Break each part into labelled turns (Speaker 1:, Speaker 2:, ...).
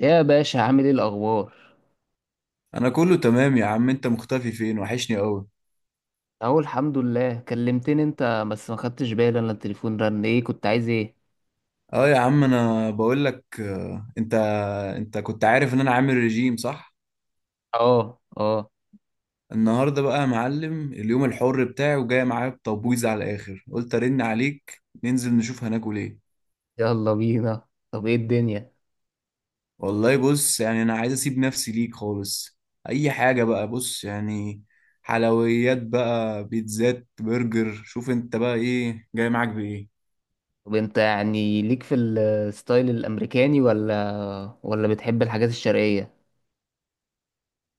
Speaker 1: يا باشا، عامل ايه الاخبار؟
Speaker 2: انا كله تمام يا عم. انت مختفي فين؟ وحشني قوي.
Speaker 1: اهو الحمد لله. كلمتني انت بس ما خدتش بالي، انا التليفون رن، ايه كنت عايز ايه؟
Speaker 2: اه يا عم انا بقول لك انت انت كنت عارف ان انا عامل ريجيم صح؟
Speaker 1: اه، اه.
Speaker 2: النهارده بقى يا معلم اليوم الحر بتاعي، وجاي معايا بتبويظ على الاخر، قلت ارن عليك ننزل نشوف هناكل ايه.
Speaker 1: يلا بينا. طب ايه الدنيا؟
Speaker 2: والله بص، يعني انا عايز اسيب نفسي ليك خالص. اي حاجه بقى، بص يعني، حلويات بقى، بيتزات، برجر، شوف انت بقى ايه جاي معاك بايه.
Speaker 1: طب انت يعني ليك في الستايل الامريكاني ولا بتحب الحاجات الشرقية؟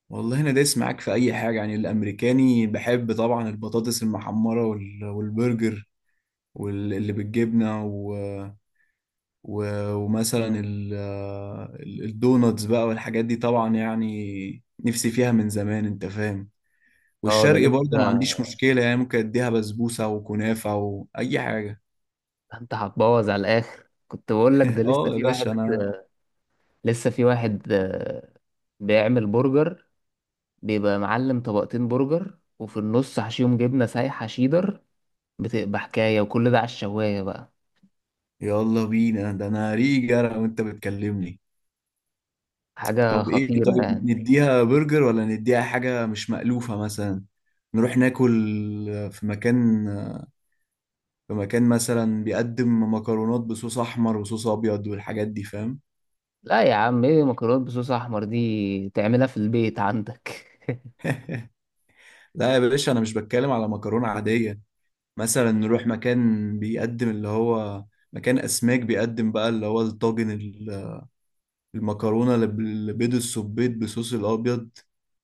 Speaker 2: والله انا دايس معاك في اي حاجه، يعني الامريكاني بحب طبعا البطاطس المحمره والبرجر واللي بالجبنه و... و... ومثلا الدوناتس بقى والحاجات دي، طبعا يعني نفسي فيها من زمان انت فاهم.
Speaker 1: اه، ده
Speaker 2: والشرقي برضه انا ما
Speaker 1: لسه.
Speaker 2: عنديش مشكله، يعني ممكن اديها بسبوسه وكنافه واي حاجه.
Speaker 1: انت هتبوظ على الاخر. كنت بقول لك ده لسه
Speaker 2: اه يا
Speaker 1: في واحد،
Speaker 2: باشا انا،
Speaker 1: لسه في واحد، بيعمل برجر. بيبقى معلم، طبقتين برجر وفي النص حشيهم جبنة سايحة شيدر. بتبقى حكاية، وكل ده على الشواية بقى.
Speaker 2: يلا بينا، ده انا ريجا وانت بتكلمني.
Speaker 1: حاجة
Speaker 2: طب ايه؟
Speaker 1: خطيرة
Speaker 2: طيب
Speaker 1: يعني.
Speaker 2: نديها برجر ولا نديها حاجة مش مألوفة مثلا؟ نروح ناكل في مكان، في مكان مثلا بيقدم مكرونات بصوص احمر وصوص ابيض والحاجات دي، فاهم؟
Speaker 1: لا يا عم، ايه مكرونة بصوص احمر؟ دي تعملها في البيت عندك.
Speaker 2: لا يا باشا انا مش بتكلم على مكرونة عادية، مثلا نروح مكان بيقدم اللي هو مكان اسماك، بيقدم بقى اللي هو الطاجن، المكرونة اللي بيض السبيط بصوص الابيض،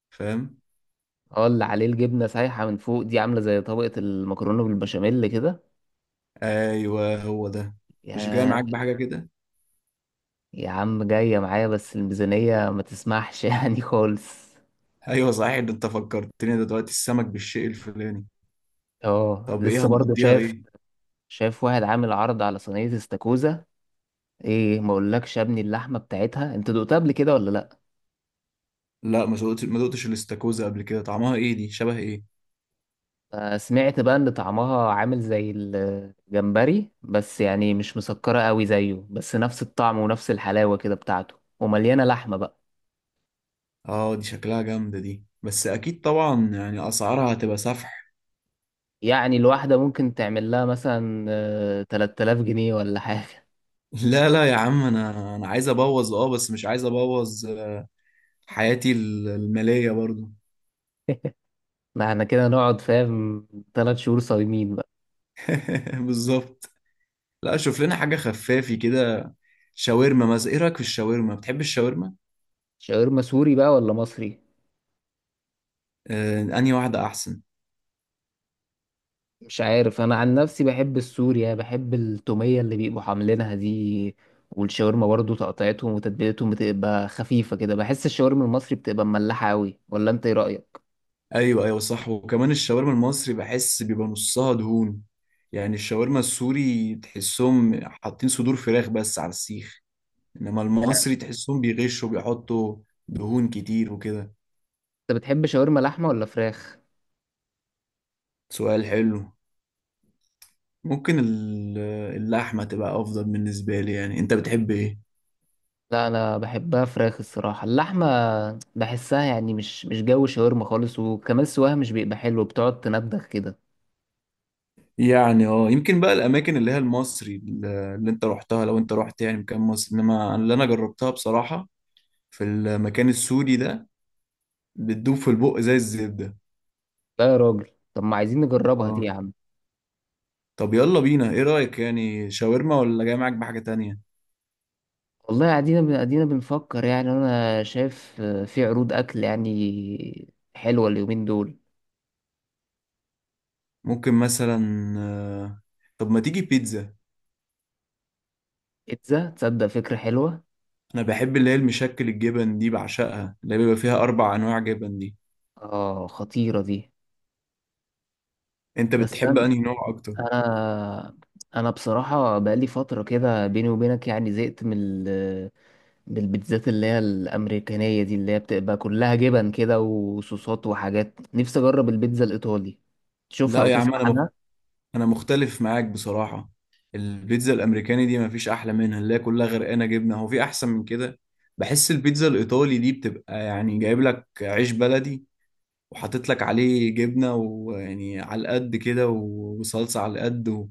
Speaker 2: فاهم؟
Speaker 1: اه، اللي عليه الجبنة سايحة من فوق دي عاملة زي طبقة المكرونة بالبشاميل كده.
Speaker 2: ايوه هو ده، مش جاي
Speaker 1: يا
Speaker 2: معاك بحاجة كده؟
Speaker 1: يا عم، جاية معايا بس الميزانية ما تسمحش يعني خالص.
Speaker 2: ايوه صحيح، ده انت فكرتني دلوقتي السمك بالشيء الفلاني.
Speaker 1: اه
Speaker 2: طب
Speaker 1: لسه
Speaker 2: ايه
Speaker 1: برضه
Speaker 2: هنقضيها
Speaker 1: شايف.
Speaker 2: ايه؟
Speaker 1: شايف واحد عامل عرض على صينية استاكوزا. ايه، ما اقولكش يا ابني، اللحمة بتاعتها انت دقتها قبل كده ولا لا؟
Speaker 2: لا ما دقتش، ما دقتش الاستاكوزا قبل كده، طعمها ايه؟ دي شبه ايه؟
Speaker 1: سمعت بقى ان طعمها عامل زي الجمبري، بس يعني مش مسكرة قوي زيه، بس نفس الطعم ونفس الحلاوة كده بتاعته، ومليانة لحمة بقى.
Speaker 2: اه دي شكلها جامده دي، بس اكيد طبعا يعني اسعارها هتبقى سفح.
Speaker 1: يعني الواحدة ممكن تعمل لها مثلا 3000 جنيه ولا حاجة.
Speaker 2: لا لا يا عم، انا عايز ابوظ اه، بس مش عايز ابوظ حياتي الماليه برضو.
Speaker 1: ما احنا كده نقعد فاهم، تلات شهور صايمين بقى.
Speaker 2: بالظبط. لا شوف لنا حاجه خفافي كده، شاورما مثلا، ايه رايك في الشاورما؟ بتحب الشاورما؟
Speaker 1: شاورما سوري بقى ولا مصري؟
Speaker 2: آه انهي واحده احسن؟
Speaker 1: مش عارف، انا عن نفسي بحب السوريا، بحب التوميه اللي بيبقوا عاملينها دي. والشاورما برضو تقطيعتهم وتتبيلتهم بتبقى خفيفه كده. بحس الشاورما المصري بتبقى مملحه قوي، ولا انت ايه رايك؟
Speaker 2: ايوه ايوه صح، وكمان الشاورما المصري بحس بيبقى نصها دهون. يعني الشاورما السوري تحسهم حاطين صدور فراخ بس على السيخ، انما المصري تحسهم بيغشوا بيحطوا دهون كتير وكده.
Speaker 1: انت بتحب شاورما لحمه ولا فراخ؟
Speaker 2: سؤال حلو. ممكن اللحمة تبقى افضل بالنسبة لي، يعني انت بتحب ايه؟
Speaker 1: لا انا بحبها فراخ الصراحه، اللحمه بحسها يعني مش جو شاورما خالص، وكمان سواها مش بيبقى حلو، بتقعد تندخ كده.
Speaker 2: يعني اه يمكن بقى الاماكن اللي هي المصري اللي انت رحتها، لو انت رحت يعني مكان مصري، انما اللي انا جربتها بصراحة في المكان السوري ده بتدوب في البق زي الزبدة.
Speaker 1: لا يا راجل، طب ما عايزين نجربها دي يا
Speaker 2: اه.
Speaker 1: عم.
Speaker 2: طب يلا بينا، ايه رأيك؟ يعني شاورما ولا جاي معاك بحاجة تانية؟
Speaker 1: والله قاعدين قاعدين بنفكر. يعني انا شايف في عروض اكل يعني حلوه اليومين دول.
Speaker 2: ممكن مثلا، آه، طب ما تيجي بيتزا.
Speaker 1: بيتزا، تصدق فكره حلوه.
Speaker 2: انا بحب اللي هي المشكل الجبن دي، بعشقها اللي بيبقى فيها اربع انواع جبن دي.
Speaker 1: اه، خطيره دي.
Speaker 2: انت
Speaker 1: بس
Speaker 2: بتحب
Speaker 1: انا
Speaker 2: انهي نوع اكتر؟
Speaker 1: انا أنا بصراحه بقالي فتره كده بيني وبينك، يعني زهقت من ال- من البيتزات اللي هي الامريكانيه دي، اللي هي بتبقى كلها جبن كده وصوصات وحاجات. نفسي اجرب البيتزا الايطالي، تشوفها
Speaker 2: لا
Speaker 1: او
Speaker 2: يا عم
Speaker 1: تسمع
Speaker 2: انا مخ...
Speaker 1: عنها.
Speaker 2: انا مختلف معاك بصراحة. البيتزا الامريكاني دي مفيش احلى منها، اللي هي كلها غرقانة جبنة، هو في احسن من كده؟ بحس البيتزا الايطالي دي بتبقى يعني جايب لك عيش بلدي وحاطط لك عليه جبنة، ويعني على القد كده وصلصة على القد،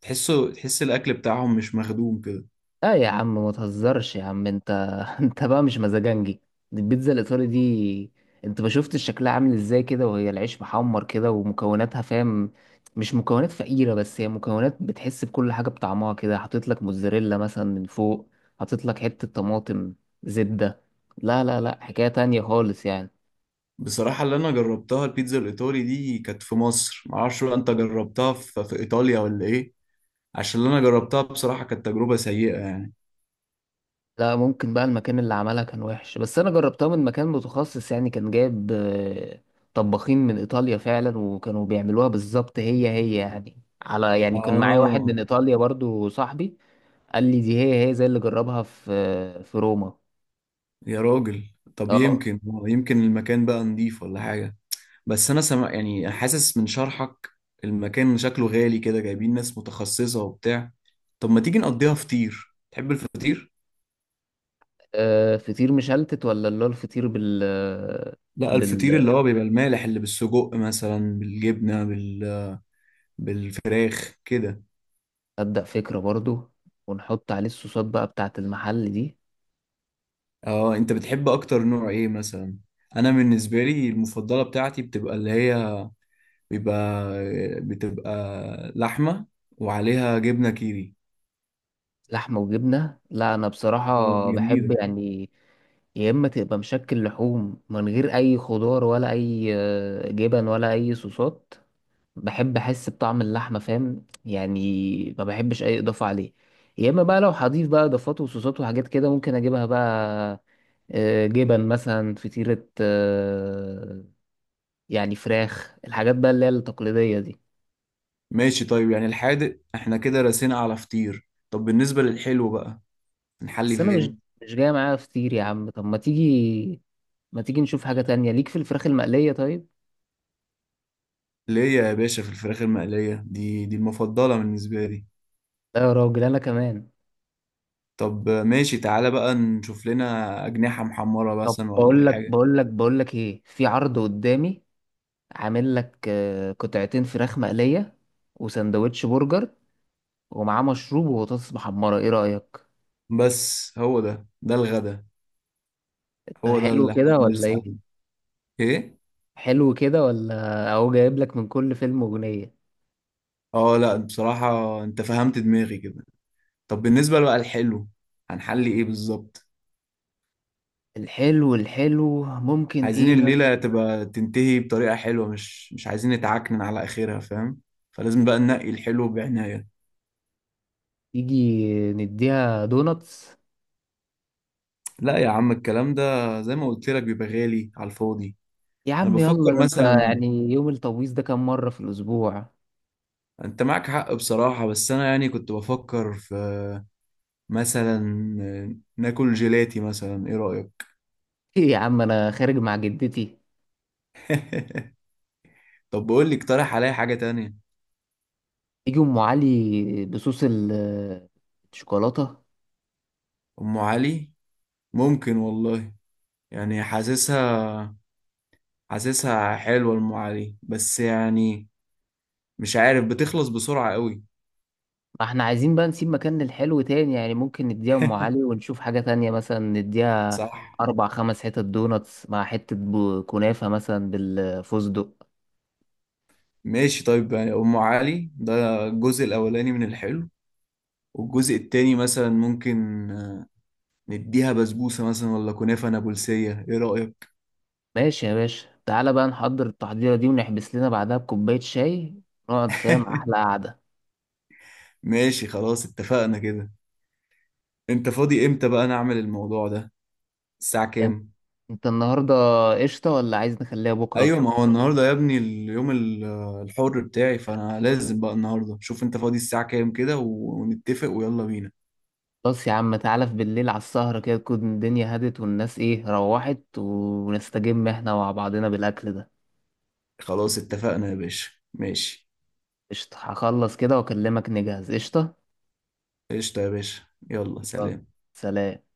Speaker 2: تحسه، تحس الاكل بتاعهم مش مخدوم كده.
Speaker 1: لا يا عم ما تهزرش يا عم، انت انت بقى مش مزاجنجي. دي البيتزا الايطالي دي، انت ما شفتش شكلها عامل ازاي كده؟ وهي العيش محمر كده ومكوناتها، فاهم، مش مكونات فقيرة، بس هي مكونات بتحس بكل حاجة بطعمها كده. حاطط لك موتزاريلا مثلا من فوق، حاطط لك حتة طماطم، زبدة. لا، لا، لا، حكاية تانية خالص يعني.
Speaker 2: بصراحة اللي انا جربتها البيتزا الايطالي دي كانت في مصر، معرفش بقى انت جربتها في ايطاليا ولا ايه، عشان اللي انا جربتها بصراحة كانت تجربة سيئة يعني.
Speaker 1: لا، ممكن بقى المكان اللي عملها كان وحش، بس انا جربتها من مكان متخصص يعني، كان جايب طباخين من ايطاليا فعلا، وكانوا بيعملوها بالظبط هي هي يعني. على يعني، كان معايا واحد
Speaker 2: اه
Speaker 1: من ايطاليا برضو صاحبي، قال لي دي هي هي زي اللي جربها في روما.
Speaker 2: يا راجل، طب
Speaker 1: اه.
Speaker 2: يمكن، يمكن المكان بقى نضيف ولا حاجة، بس انا سمع يعني حاسس من شرحك المكان شكله غالي كده، جايبين ناس متخصصة وبتاع. طب ما تيجي نقضيها فطير، تحب الفطير؟
Speaker 1: فطير مشلتت ولا اللي هو الفطير بال،
Speaker 2: لا الفطير
Speaker 1: بال،
Speaker 2: اللي هو بيبقى المالح، اللي بالسجق مثلا، بالجبنة، بال، بالفراخ كده.
Speaker 1: ابدا فكرة برضو. ونحط عليه الصوصات بقى بتاعت المحل دي.
Speaker 2: اه انت بتحب اكتر نوع ايه مثلا؟ انا بالنسبه لي المفضله بتاعتي بتبقى اللي هي بيبقى، بتبقى لحمه وعليها جبنه كيري.
Speaker 1: لحمة وجبنة؟ لا، أنا
Speaker 2: اه دي
Speaker 1: بصراحة بحب
Speaker 2: جميله.
Speaker 1: يعني، يا إما تبقى مشكل لحوم من غير أي خضار ولا أي جبن ولا أي صوصات. بحب أحس بطعم اللحمة، فاهم يعني، ما بحبش أي إضافة عليه. يا إما بقى لو هضيف بقى إضافات وصوصات وحاجات كده ممكن أجيبها بقى جبن مثلا، فطيرة يعني فراخ، الحاجات بقى اللي هي التقليدية دي.
Speaker 2: ماشي طيب، يعني الحادق احنا كده رسينا على فطير، طب بالنسبه للحلو بقى نحلي
Speaker 1: بس أنا مش
Speaker 2: فين؟
Speaker 1: مش جاية معايا فطير يا عم. طب ما تيجي نشوف حاجة تانية ليك في الفراخ المقلية طيب؟
Speaker 2: ليه يا باشا؟ في الفراخ المقليه دي، دي المفضله بالنسبه لي.
Speaker 1: لا يا راجل انا كمان.
Speaker 2: طب ماشي تعالى بقى نشوف لنا اجنحه محمره
Speaker 1: طب
Speaker 2: مثلا ولا
Speaker 1: بقول لك
Speaker 2: حاجه.
Speaker 1: بقول لك بقول لك ايه، في عرض قدامي، عامل لك قطعتين فراخ مقلية وسندوتش برجر ومعاه مشروب وبطاطس محمرة. ايه رأيك؟
Speaker 2: بس هو ده ده الغدا؟ هو ده
Speaker 1: حلو
Speaker 2: اللي احنا
Speaker 1: كده ولا
Speaker 2: بنرسم
Speaker 1: ايه؟
Speaker 2: عليه؟ ايه.
Speaker 1: حلو كده ولا؟ اهو جايب لك من كل فيلم أغنية.
Speaker 2: اه لا بصراحة انت فهمت دماغي كده. طب بالنسبة بقى الحلو، هنحل ايه بالظبط؟
Speaker 1: الحلو، الحلو ممكن
Speaker 2: عايزين
Speaker 1: ايه مثلا؟
Speaker 2: الليلة تبقى تنتهي بطريقة حلوة، مش عايزين نتعكنن على اخرها فاهم، فلازم بقى ننقي الحلو بعناية.
Speaker 1: تيجي نديها دوناتس؟
Speaker 2: لا يا عم الكلام ده، زي ما قلت لك بيبقى غالي على الفاضي.
Speaker 1: يا
Speaker 2: انا
Speaker 1: عم
Speaker 2: بفكر
Speaker 1: يلا، ده انت
Speaker 2: مثلا،
Speaker 1: يعني يوم التبويض ده كام مرة في الأسبوع؟
Speaker 2: انت معك حق بصراحة، بس انا يعني كنت بفكر في، مثلا ناكل جيلاتي مثلا، ايه رأيك؟
Speaker 1: ايه يا عم، انا خارج مع جدتي؟
Speaker 2: طب بقول لي، اقترح عليا حاجة تانية.
Speaker 1: يجي ام علي بصوص الشوكولاته؟
Speaker 2: أم علي؟ ممكن والله، يعني حاسسها، حاسسها حلوة أم علي، بس يعني مش عارف بتخلص بسرعة قوي.
Speaker 1: ما احنا عايزين بقى نسيب مكان للحلو تاني يعني، ممكن نديها ام علي ونشوف حاجه تانية مثلا نديها
Speaker 2: صح.
Speaker 1: اربع خمس حتت دوناتس مع حته كنافه مثلا بالفستق.
Speaker 2: ماشي طيب، يعني أم علي ده الجزء الأولاني من الحلو، والجزء التاني مثلا ممكن نديها بسبوسة مثلا، ولا كنافة نابلسية، إيه رأيك؟
Speaker 1: ماشي يا باشا، تعالى بقى نحضر التحضيره دي ونحبس لنا بعدها بكوبايه شاي، نقعد فاهم احلى قعده.
Speaker 2: ماشي خلاص اتفقنا كده. أنت فاضي إمتى بقى نعمل الموضوع ده؟ الساعة
Speaker 1: انت
Speaker 2: كام؟
Speaker 1: إنت النهارده قشطه ولا عايز نخليها بكره؟
Speaker 2: ايوه ما هو النهارده يا ابني اليوم الحر بتاعي، فانا لازم بقى النهارده، شوف انت فاضي الساعه كام كده ونتفق ويلا بينا.
Speaker 1: خلاص يا عم، تعالى في بالليل على السهرة كده، تكون الدنيا هدت والناس ايه روحت، ونستجم احنا مع بعضنا بالأكل ده.
Speaker 2: خلاص اتفقنا يا باشا، ماشي.
Speaker 1: قشطة، هخلص كده واكلمك نجهز. قشطة.
Speaker 2: قشطه يا باشا، يلا
Speaker 1: يلا،
Speaker 2: سلام.
Speaker 1: سلام.